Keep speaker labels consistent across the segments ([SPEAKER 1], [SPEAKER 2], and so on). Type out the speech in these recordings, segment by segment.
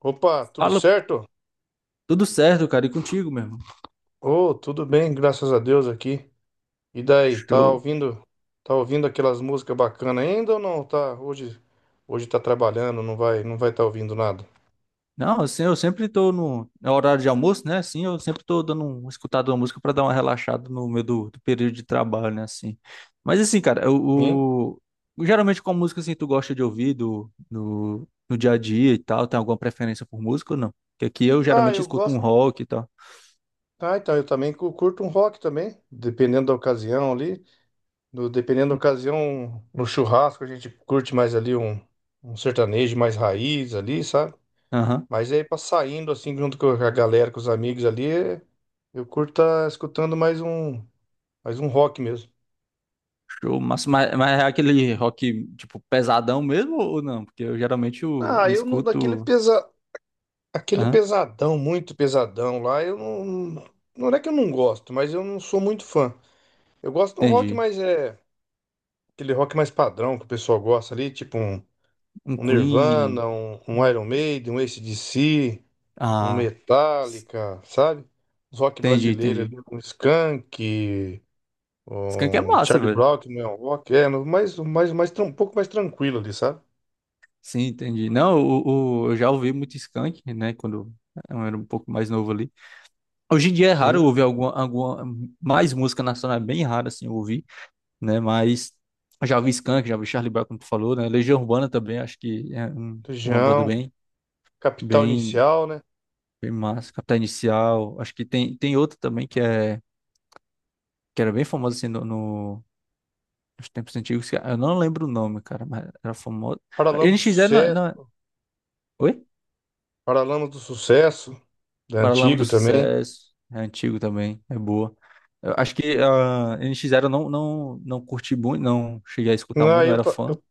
[SPEAKER 1] Opa, tudo
[SPEAKER 2] Fala,
[SPEAKER 1] certo?
[SPEAKER 2] tudo certo, cara, e contigo, meu irmão?
[SPEAKER 1] Oh, tudo bem, graças a Deus aqui. E daí, tá
[SPEAKER 2] Show.
[SPEAKER 1] ouvindo, tá ouvindo aquelas músicas bacanas ainda ou não? Tá, hoje tá trabalhando, não vai tá ouvindo nada.
[SPEAKER 2] Não, assim, eu sempre tô no horário de almoço, né? Assim, eu sempre tô dando escutado uma música pra dar uma relaxada no meio do período de trabalho, né? Assim. Mas assim, cara,
[SPEAKER 1] Hein?
[SPEAKER 2] geralmente qual música assim tu gosta de ouvir do, no, no dia a dia e tal? Tem alguma preferência por música ou não? Porque aqui eu
[SPEAKER 1] Ah,
[SPEAKER 2] geralmente
[SPEAKER 1] eu
[SPEAKER 2] escuto um
[SPEAKER 1] gosto.
[SPEAKER 2] rock e tal.
[SPEAKER 1] Ah, então eu também curto um rock também, dependendo da ocasião ali. Dependendo da ocasião, no churrasco a gente curte mais ali um sertanejo mais raiz ali, sabe?
[SPEAKER 2] Aham.
[SPEAKER 1] Mas aí pra saindo assim junto com a galera, com os amigos ali, eu curto tá escutando mais um. Faz um rock mesmo.
[SPEAKER 2] Show, mas é aquele rock, tipo, pesadão mesmo ou não? Porque eu geralmente eu,
[SPEAKER 1] Ah,
[SPEAKER 2] eu
[SPEAKER 1] eu não,
[SPEAKER 2] escuto.
[SPEAKER 1] aquele
[SPEAKER 2] Aham,
[SPEAKER 1] pesadão, muito pesadão lá, eu não, não é que eu não gosto, mas eu não sou muito fã. Eu gosto de um rock
[SPEAKER 2] entendi.
[SPEAKER 1] mais, aquele rock mais padrão que o pessoal gosta ali, tipo um,
[SPEAKER 2] Um
[SPEAKER 1] um Nirvana,
[SPEAKER 2] Queen.
[SPEAKER 1] um
[SPEAKER 2] um-
[SPEAKER 1] Iron Maiden, um AC/DC, um
[SPEAKER 2] Ah, s-
[SPEAKER 1] Metallica, sabe? Os rock
[SPEAKER 2] entendi,
[SPEAKER 1] brasileiro
[SPEAKER 2] entendi.
[SPEAKER 1] ali, um Skank,
[SPEAKER 2] Skank é
[SPEAKER 1] um
[SPEAKER 2] massa,
[SPEAKER 1] Charlie
[SPEAKER 2] velho.
[SPEAKER 1] Brown, que não é um rock, mais, um pouco mais tranquilo ali, sabe?
[SPEAKER 2] Sim, entendi. Não, eu já ouvi muito Skank, né? Quando eu era um pouco mais novo ali. Hoje em dia é raro eu
[SPEAKER 1] Sim,
[SPEAKER 2] ouvir alguma mais música nacional, é bem raro assim eu ouvir, né? Mas eu já ouvi Skank, já ouvi Charlie Brown, como tu falou, né? Legião Urbana também, acho que é uma banda
[SPEAKER 1] Legião, Capital
[SPEAKER 2] bem,
[SPEAKER 1] Inicial, né?
[SPEAKER 2] bem massa. Capital Inicial, acho que tem outra também que era bem famosa assim os tempos antigos, eu não lembro o nome, cara, mas era famoso.
[SPEAKER 1] Paralama do
[SPEAKER 2] NX é na,
[SPEAKER 1] Sucesso,
[SPEAKER 2] na... Oi?
[SPEAKER 1] Paralama do Sucesso, da
[SPEAKER 2] Paralama do
[SPEAKER 1] antigo também.
[SPEAKER 2] Sucesso. É antigo também, é boa. Eu acho que a NX Zero não curti muito, não cheguei a escutar
[SPEAKER 1] Não,
[SPEAKER 2] muito, não
[SPEAKER 1] eu,
[SPEAKER 2] era
[SPEAKER 1] ta-
[SPEAKER 2] fã.
[SPEAKER 1] eu,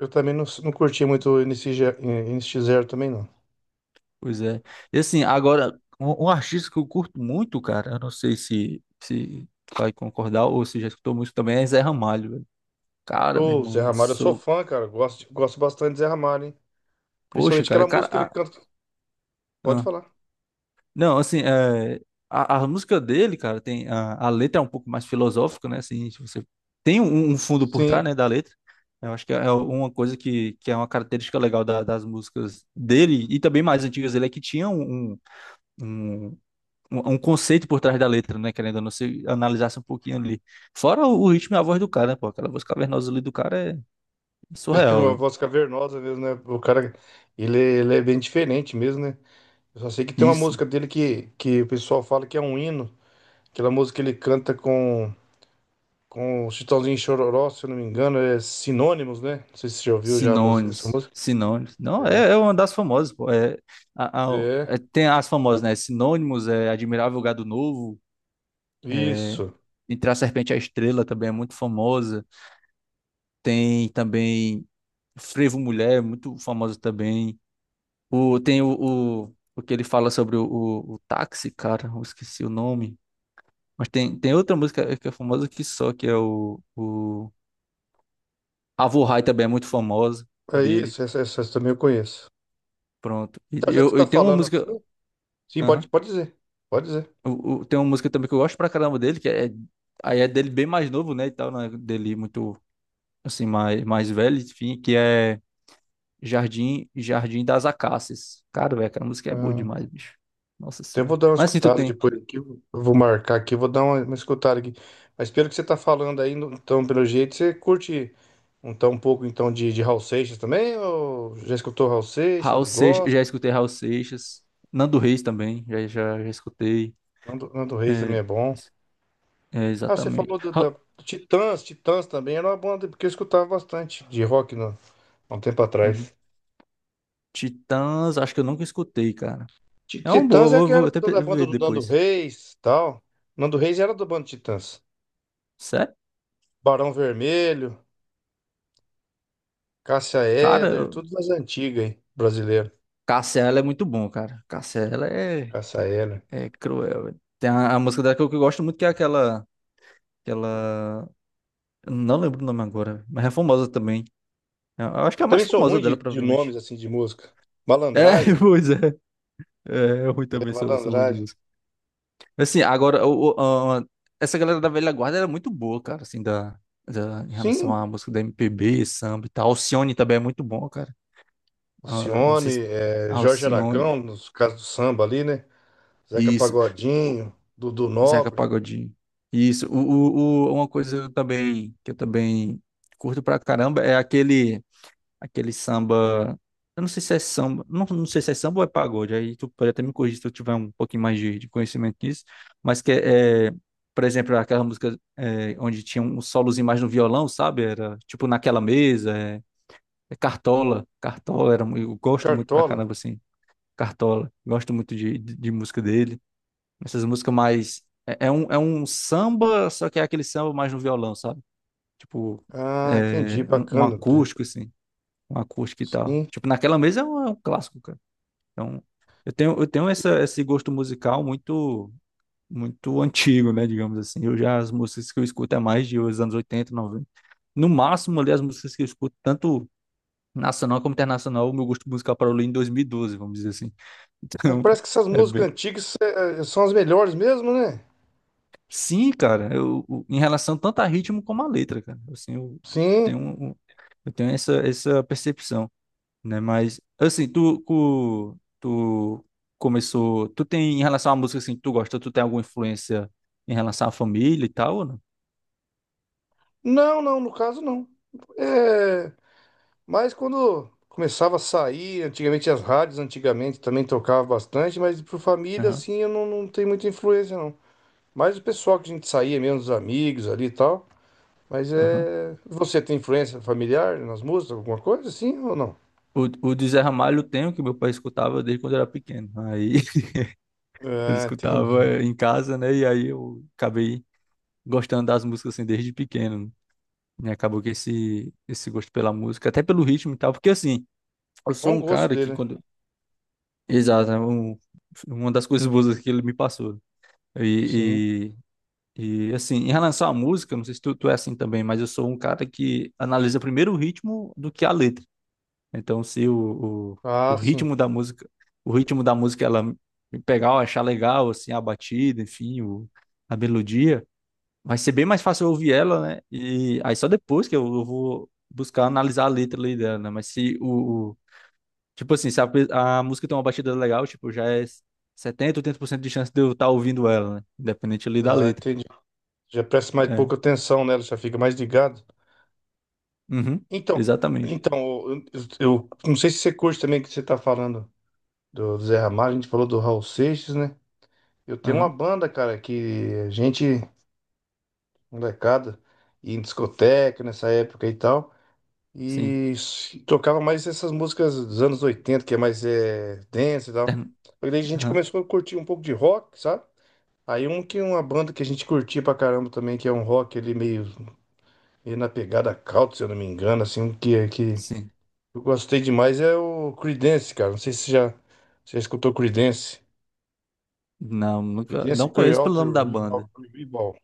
[SPEAKER 1] eu também não curti muito o NX0 nx também, não.
[SPEAKER 2] Pois é. E assim, agora, um artista que eu curto muito, cara, eu não sei se vai concordar ou se já escutou muito também, é Zé Ramalho, velho. Cara, meu
[SPEAKER 1] Ô, Zé
[SPEAKER 2] irmão, eu
[SPEAKER 1] Ramalho, eu sou
[SPEAKER 2] sou.
[SPEAKER 1] fã, cara. Gosto bastante de Zé Ramalho, hein?
[SPEAKER 2] Poxa,
[SPEAKER 1] Principalmente
[SPEAKER 2] cara,
[SPEAKER 1] aquela música que
[SPEAKER 2] cara.
[SPEAKER 1] ele canta. Pode
[SPEAKER 2] Ah,
[SPEAKER 1] falar.
[SPEAKER 2] não, assim, é, a música dele, cara, tem a letra é um pouco mais filosófica, né? Assim, se você tem um fundo por
[SPEAKER 1] Sim,
[SPEAKER 2] trás, né, da letra. Eu acho que é uma coisa que é uma característica legal das músicas dele e também mais antigas dele é que tinha um, um conceito por trás da letra, né? Querendo ou não, se analisasse um pouquinho ali. Fora o ritmo e a voz do cara, né? Pô, aquela voz cavernosa ali do cara é
[SPEAKER 1] com
[SPEAKER 2] surreal,
[SPEAKER 1] uma
[SPEAKER 2] velho.
[SPEAKER 1] voz cavernosa mesmo, né? O cara, ele é bem diferente mesmo, né? Eu só sei que tem uma
[SPEAKER 2] Isso.
[SPEAKER 1] música dele que o pessoal fala que é um hino. Aquela música que ele canta com. Com o Chitãozinho e Chororó, se eu não me engano, é Sinônimos, né? Não sei se você já ouviu já a música, essa
[SPEAKER 2] Sinônimos,
[SPEAKER 1] música.
[SPEAKER 2] sinônimos. Não, é uma das famosas, pô.
[SPEAKER 1] É,
[SPEAKER 2] Tem as famosas, né? Sinônimos, é Admirável Gado Novo, é,
[SPEAKER 1] isso.
[SPEAKER 2] Entre a Serpente e a Estrela também é muito famosa. Tem também Frevo Mulher, muito famosa também. O, tem o que ele fala sobre o táxi, cara, eu esqueci o nome. Mas tem outra música que é famosa que só, que é o. Avo High também é muito famosa
[SPEAKER 1] É
[SPEAKER 2] dele.
[SPEAKER 1] isso, essa também eu conheço.
[SPEAKER 2] Pronto. E,
[SPEAKER 1] Então, já que você
[SPEAKER 2] eu,
[SPEAKER 1] está
[SPEAKER 2] e tem uma
[SPEAKER 1] falando
[SPEAKER 2] música.
[SPEAKER 1] assim, sim, pode,
[SPEAKER 2] Aham.
[SPEAKER 1] pode dizer. Pode dizer.
[SPEAKER 2] Tem uma música também que eu gosto pra caramba dele, que é. Aí é dele bem mais novo, né? E tal, né? Dele muito, assim, mais velho, enfim, que é Jardim das Acácias. Cara, velho, aquela música é boa
[SPEAKER 1] Ah,
[SPEAKER 2] demais, bicho. Nossa
[SPEAKER 1] até
[SPEAKER 2] Senhora.
[SPEAKER 1] vou dar uma
[SPEAKER 2] Mas assim, tu
[SPEAKER 1] escutada
[SPEAKER 2] tem
[SPEAKER 1] depois aqui. Eu vou marcar aqui, vou dar uma escutada aqui. Mas pelo que você está falando aí, então, pelo jeito, você curte um pouco então de Raul Seixas também? Ou já escutou Raul
[SPEAKER 2] Raul
[SPEAKER 1] Seixas?
[SPEAKER 2] Seixas,
[SPEAKER 1] Gosta?
[SPEAKER 2] já escutei Raul Seixas. Nando Reis também, já escutei.
[SPEAKER 1] Nando Reis
[SPEAKER 2] É,
[SPEAKER 1] também é bom. Ah, você
[SPEAKER 2] Exatamente.
[SPEAKER 1] falou do- da, do Titãs, também era uma banda, porque eu escutava bastante de rock no, há um tempo
[SPEAKER 2] Uhum.
[SPEAKER 1] atrás.
[SPEAKER 2] Titãs, acho que eu nunca escutei, cara. É uma boa,
[SPEAKER 1] Titãs é
[SPEAKER 2] vou
[SPEAKER 1] aquela
[SPEAKER 2] até
[SPEAKER 1] do- da banda
[SPEAKER 2] ver
[SPEAKER 1] do Nando
[SPEAKER 2] depois.
[SPEAKER 1] Reis, tal. Nando Reis era da banda Titãs.
[SPEAKER 2] Sério?
[SPEAKER 1] Barão Vermelho, Cássia
[SPEAKER 2] Cara,
[SPEAKER 1] Eller, tudo mais antiga, hein? Brasileiro,
[SPEAKER 2] Cássia, ela é muito bom, cara. Cássia, ela é.
[SPEAKER 1] Cássia Eller.
[SPEAKER 2] É cruel, tem a música dela que eu gosto muito, que é aquela, aquela... eu não lembro o nome agora, mas é famosa também. Eu acho que é a mais
[SPEAKER 1] Também sou
[SPEAKER 2] famosa
[SPEAKER 1] ruim
[SPEAKER 2] dela,
[SPEAKER 1] de nomes,
[SPEAKER 2] provavelmente.
[SPEAKER 1] assim, de música.
[SPEAKER 2] É,
[SPEAKER 1] Malandragem,
[SPEAKER 2] pois é. É, eu ruim
[SPEAKER 1] é,
[SPEAKER 2] também, sou ruim de
[SPEAKER 1] Malandragem.
[SPEAKER 2] música. Assim, agora, essa galera da velha guarda era muito boa, cara, assim, em relação
[SPEAKER 1] Sim,
[SPEAKER 2] à música da MPB, samba e tal. Alcione também é muito bom, cara. Ah, não sei se...
[SPEAKER 1] Alcione, Jorge
[SPEAKER 2] Alcione,
[SPEAKER 1] Aragão, nos casos do samba ali, né? Zeca
[SPEAKER 2] isso.
[SPEAKER 1] Pagodinho, Dudu
[SPEAKER 2] Zeca
[SPEAKER 1] Nobre,
[SPEAKER 2] Pagodinho. Isso. Uma coisa eu também, que eu também curto pra caramba é aquele, aquele samba. Eu não sei se é samba. Não, não sei se é samba ou é pagode. Aí tu pode até me corrigir se eu tiver um pouquinho mais de conhecimento nisso. Mas que por exemplo, aquela música é, onde tinha um solozinho mais no violão, sabe? Era tipo naquela mesa. É Cartola. Cartola era. Eu gosto muito pra
[SPEAKER 1] Cartola.
[SPEAKER 2] caramba, assim. Cartola. Gosto muito de música dele. Essas músicas mais. É um samba, só que é aquele samba mais no violão, sabe? Tipo,
[SPEAKER 1] Ah, entendi,
[SPEAKER 2] um
[SPEAKER 1] bacana.
[SPEAKER 2] acústico, assim. Um acústico e tal.
[SPEAKER 1] Sim.
[SPEAKER 2] Tipo, naquela mesa é um, clássico, cara. Então, eu tenho esse gosto musical muito, muito antigo, né? Digamos assim. As músicas que eu escuto é mais de os anos 80 90 no máximo, ali, as músicas que eu escuto, tanto nacional como internacional, o meu gosto musical parou ali em 2012, vamos dizer assim.
[SPEAKER 1] Mas
[SPEAKER 2] Então,
[SPEAKER 1] parece que essas
[SPEAKER 2] é
[SPEAKER 1] músicas
[SPEAKER 2] bem,
[SPEAKER 1] antigas são as melhores mesmo, né?
[SPEAKER 2] sim, cara, em relação tanto a ritmo como a letra, cara. Assim, tenho,
[SPEAKER 1] Sim.
[SPEAKER 2] um- um, eu tenho essa percepção, né? Mas, assim, tu começou. Tu tem, em relação à música, assim, que tu gosta, tu tem alguma influência em relação à família e tal, ou não?
[SPEAKER 1] Não, não, no caso não. É, mas quando começava a sair, antigamente as rádios antigamente também tocava bastante, mas por família
[SPEAKER 2] Aham,
[SPEAKER 1] assim eu não tenho muita influência não. Mas o pessoal que a gente saía mesmo, os amigos ali e tal. Mas
[SPEAKER 2] aham.
[SPEAKER 1] é. Você tem influência familiar nas músicas, alguma coisa assim ou não?
[SPEAKER 2] O, o de Zé Ramalho eu tenho, que meu pai escutava desde quando eu era pequeno. Aí ele
[SPEAKER 1] É,
[SPEAKER 2] escutava
[SPEAKER 1] entendi.
[SPEAKER 2] em casa, né? E aí eu acabei gostando das músicas, assim, desde pequeno. E acabou que esse gosto pela música, até pelo ritmo e tal, porque assim, eu sou
[SPEAKER 1] Bom
[SPEAKER 2] um
[SPEAKER 1] gosto
[SPEAKER 2] cara que
[SPEAKER 1] dele, né?
[SPEAKER 2] quando. Exato, é uma das coisas boas que ele me passou.
[SPEAKER 1] Sim.
[SPEAKER 2] E, e, assim, em relação à música, não sei se tu é assim também, mas eu sou um cara que analisa primeiro o ritmo do que a letra. Então, se o
[SPEAKER 1] Ah, sim.
[SPEAKER 2] ritmo da música, ela me pegar, eu achar legal, assim, a batida, enfim, a melodia vai ser bem mais fácil eu ouvir ela, né? E aí só depois que eu vou buscar analisar a letra ali dela, né? Mas se tipo assim, se a música tem uma batida legal, tipo, já é 70, 80% de chance de eu estar ouvindo ela, né? Independente ali da
[SPEAKER 1] Ah,
[SPEAKER 2] letra.
[SPEAKER 1] entendi. Já presta mais
[SPEAKER 2] É.
[SPEAKER 1] pouca atenção nela, já fica mais ligado.
[SPEAKER 2] Uhum.
[SPEAKER 1] Então,
[SPEAKER 2] Exatamente.
[SPEAKER 1] então, eu, eu não sei se você curte também que você tá falando do Zé Ramalho, a gente falou do Raul Seixas, né? Eu tenho uma
[SPEAKER 2] Aham.
[SPEAKER 1] banda, cara, que a gente, molecada, ia em discoteca nessa época e tal,
[SPEAKER 2] Sim.
[SPEAKER 1] e tocava mais essas músicas dos anos 80, que é mais dance e tal.
[SPEAKER 2] Term-
[SPEAKER 1] Aí daí a gente
[SPEAKER 2] Aham.
[SPEAKER 1] começou a curtir um pouco de rock, sabe? Aí um que uma banda que a gente curtia pra caramba também, que é um rock ali meio. E na pegada country, se eu não me engano, assim, o que
[SPEAKER 2] Sim.
[SPEAKER 1] eu gostei demais é o Creedence, cara. Não sei se você já, escutou Creedence.
[SPEAKER 2] Não, nunca,
[SPEAKER 1] Creedence
[SPEAKER 2] não conheço pelo
[SPEAKER 1] Clearwater
[SPEAKER 2] nome da
[SPEAKER 1] Revival.
[SPEAKER 2] banda.
[SPEAKER 1] Revival.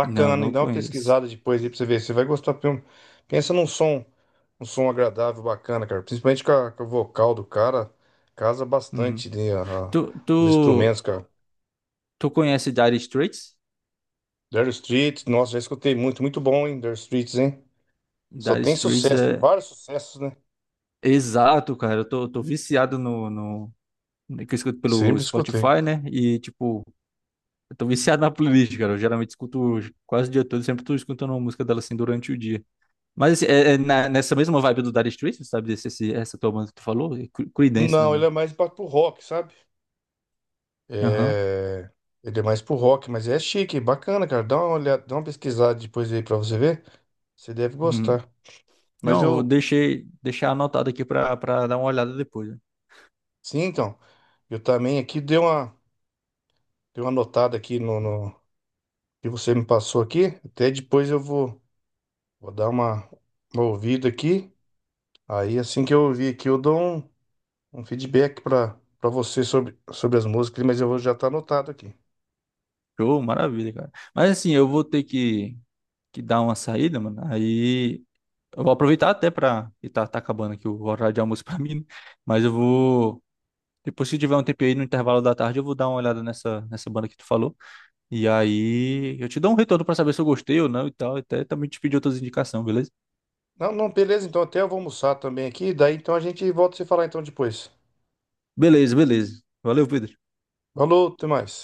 [SPEAKER 2] Não,
[SPEAKER 1] hein?
[SPEAKER 2] não
[SPEAKER 1] Dá uma
[SPEAKER 2] conheço.
[SPEAKER 1] pesquisada depois aí pra você ver. Você vai gostar. Pensa num som, um som agradável, bacana, cara. Principalmente com o vocal do cara, casa
[SPEAKER 2] Uhum.
[SPEAKER 1] bastante, né? A-
[SPEAKER 2] Tu,
[SPEAKER 1] os
[SPEAKER 2] tu,
[SPEAKER 1] instrumentos, cara.
[SPEAKER 2] tu conhece Dire Straits?
[SPEAKER 1] Dire Straits, nossa, já escutei muito, muito bom, hein? Dire Straits, hein? Só
[SPEAKER 2] Dire
[SPEAKER 1] tem
[SPEAKER 2] Straits
[SPEAKER 1] sucesso, tem
[SPEAKER 2] é
[SPEAKER 1] vários sucessos, né?
[SPEAKER 2] Exato, cara. Eu tô viciado no. Que eu escuto pelo
[SPEAKER 1] Sempre escutei.
[SPEAKER 2] Spotify, né? E, tipo, eu tô viciado na playlist, cara. Eu geralmente escuto quase o dia todo, sempre tô escutando uma música dela assim durante o dia. Mas assim, nessa mesma vibe do Dire Straits, sabe? Essa tua banda que tu falou? É Creedence, não,
[SPEAKER 1] Não, ele
[SPEAKER 2] não.
[SPEAKER 1] é mais pro rock, sabe?
[SPEAKER 2] Aham.
[SPEAKER 1] É... Ele é mais pro rock, mas é chique, bacana, cara. Dá uma olhada, dá uma pesquisada depois aí pra você ver. Você deve
[SPEAKER 2] Uhum.
[SPEAKER 1] gostar. Mas
[SPEAKER 2] Não,
[SPEAKER 1] eu,
[SPEAKER 2] deixar anotado aqui pra dar uma olhada depois, né?
[SPEAKER 1] sim, então, eu também aqui dei uma notada aqui no que você me passou aqui. Até depois eu vou dar uma ouvida aqui. Aí assim que eu ouvir aqui, eu dou um feedback pra você sobre as músicas, mas eu vou já tá anotado aqui.
[SPEAKER 2] Show, maravilha, cara. Mas assim, eu vou ter que dar uma saída, mano. Aí. Eu vou aproveitar até pra. E tá acabando aqui o horário de almoço pra mim, né? Mas eu vou. Depois, se tiver um tempo aí no intervalo da tarde, eu vou dar uma olhada nessa banda que tu falou. E aí eu te dou um retorno pra saber se eu gostei ou não e tal. Até também te pedir outras indicações, beleza?
[SPEAKER 1] Não, não, beleza, então até eu vou almoçar também aqui, daí então a gente volta a se falar então depois.
[SPEAKER 2] Beleza, beleza. Valeu, Pedro.
[SPEAKER 1] Falou, até mais.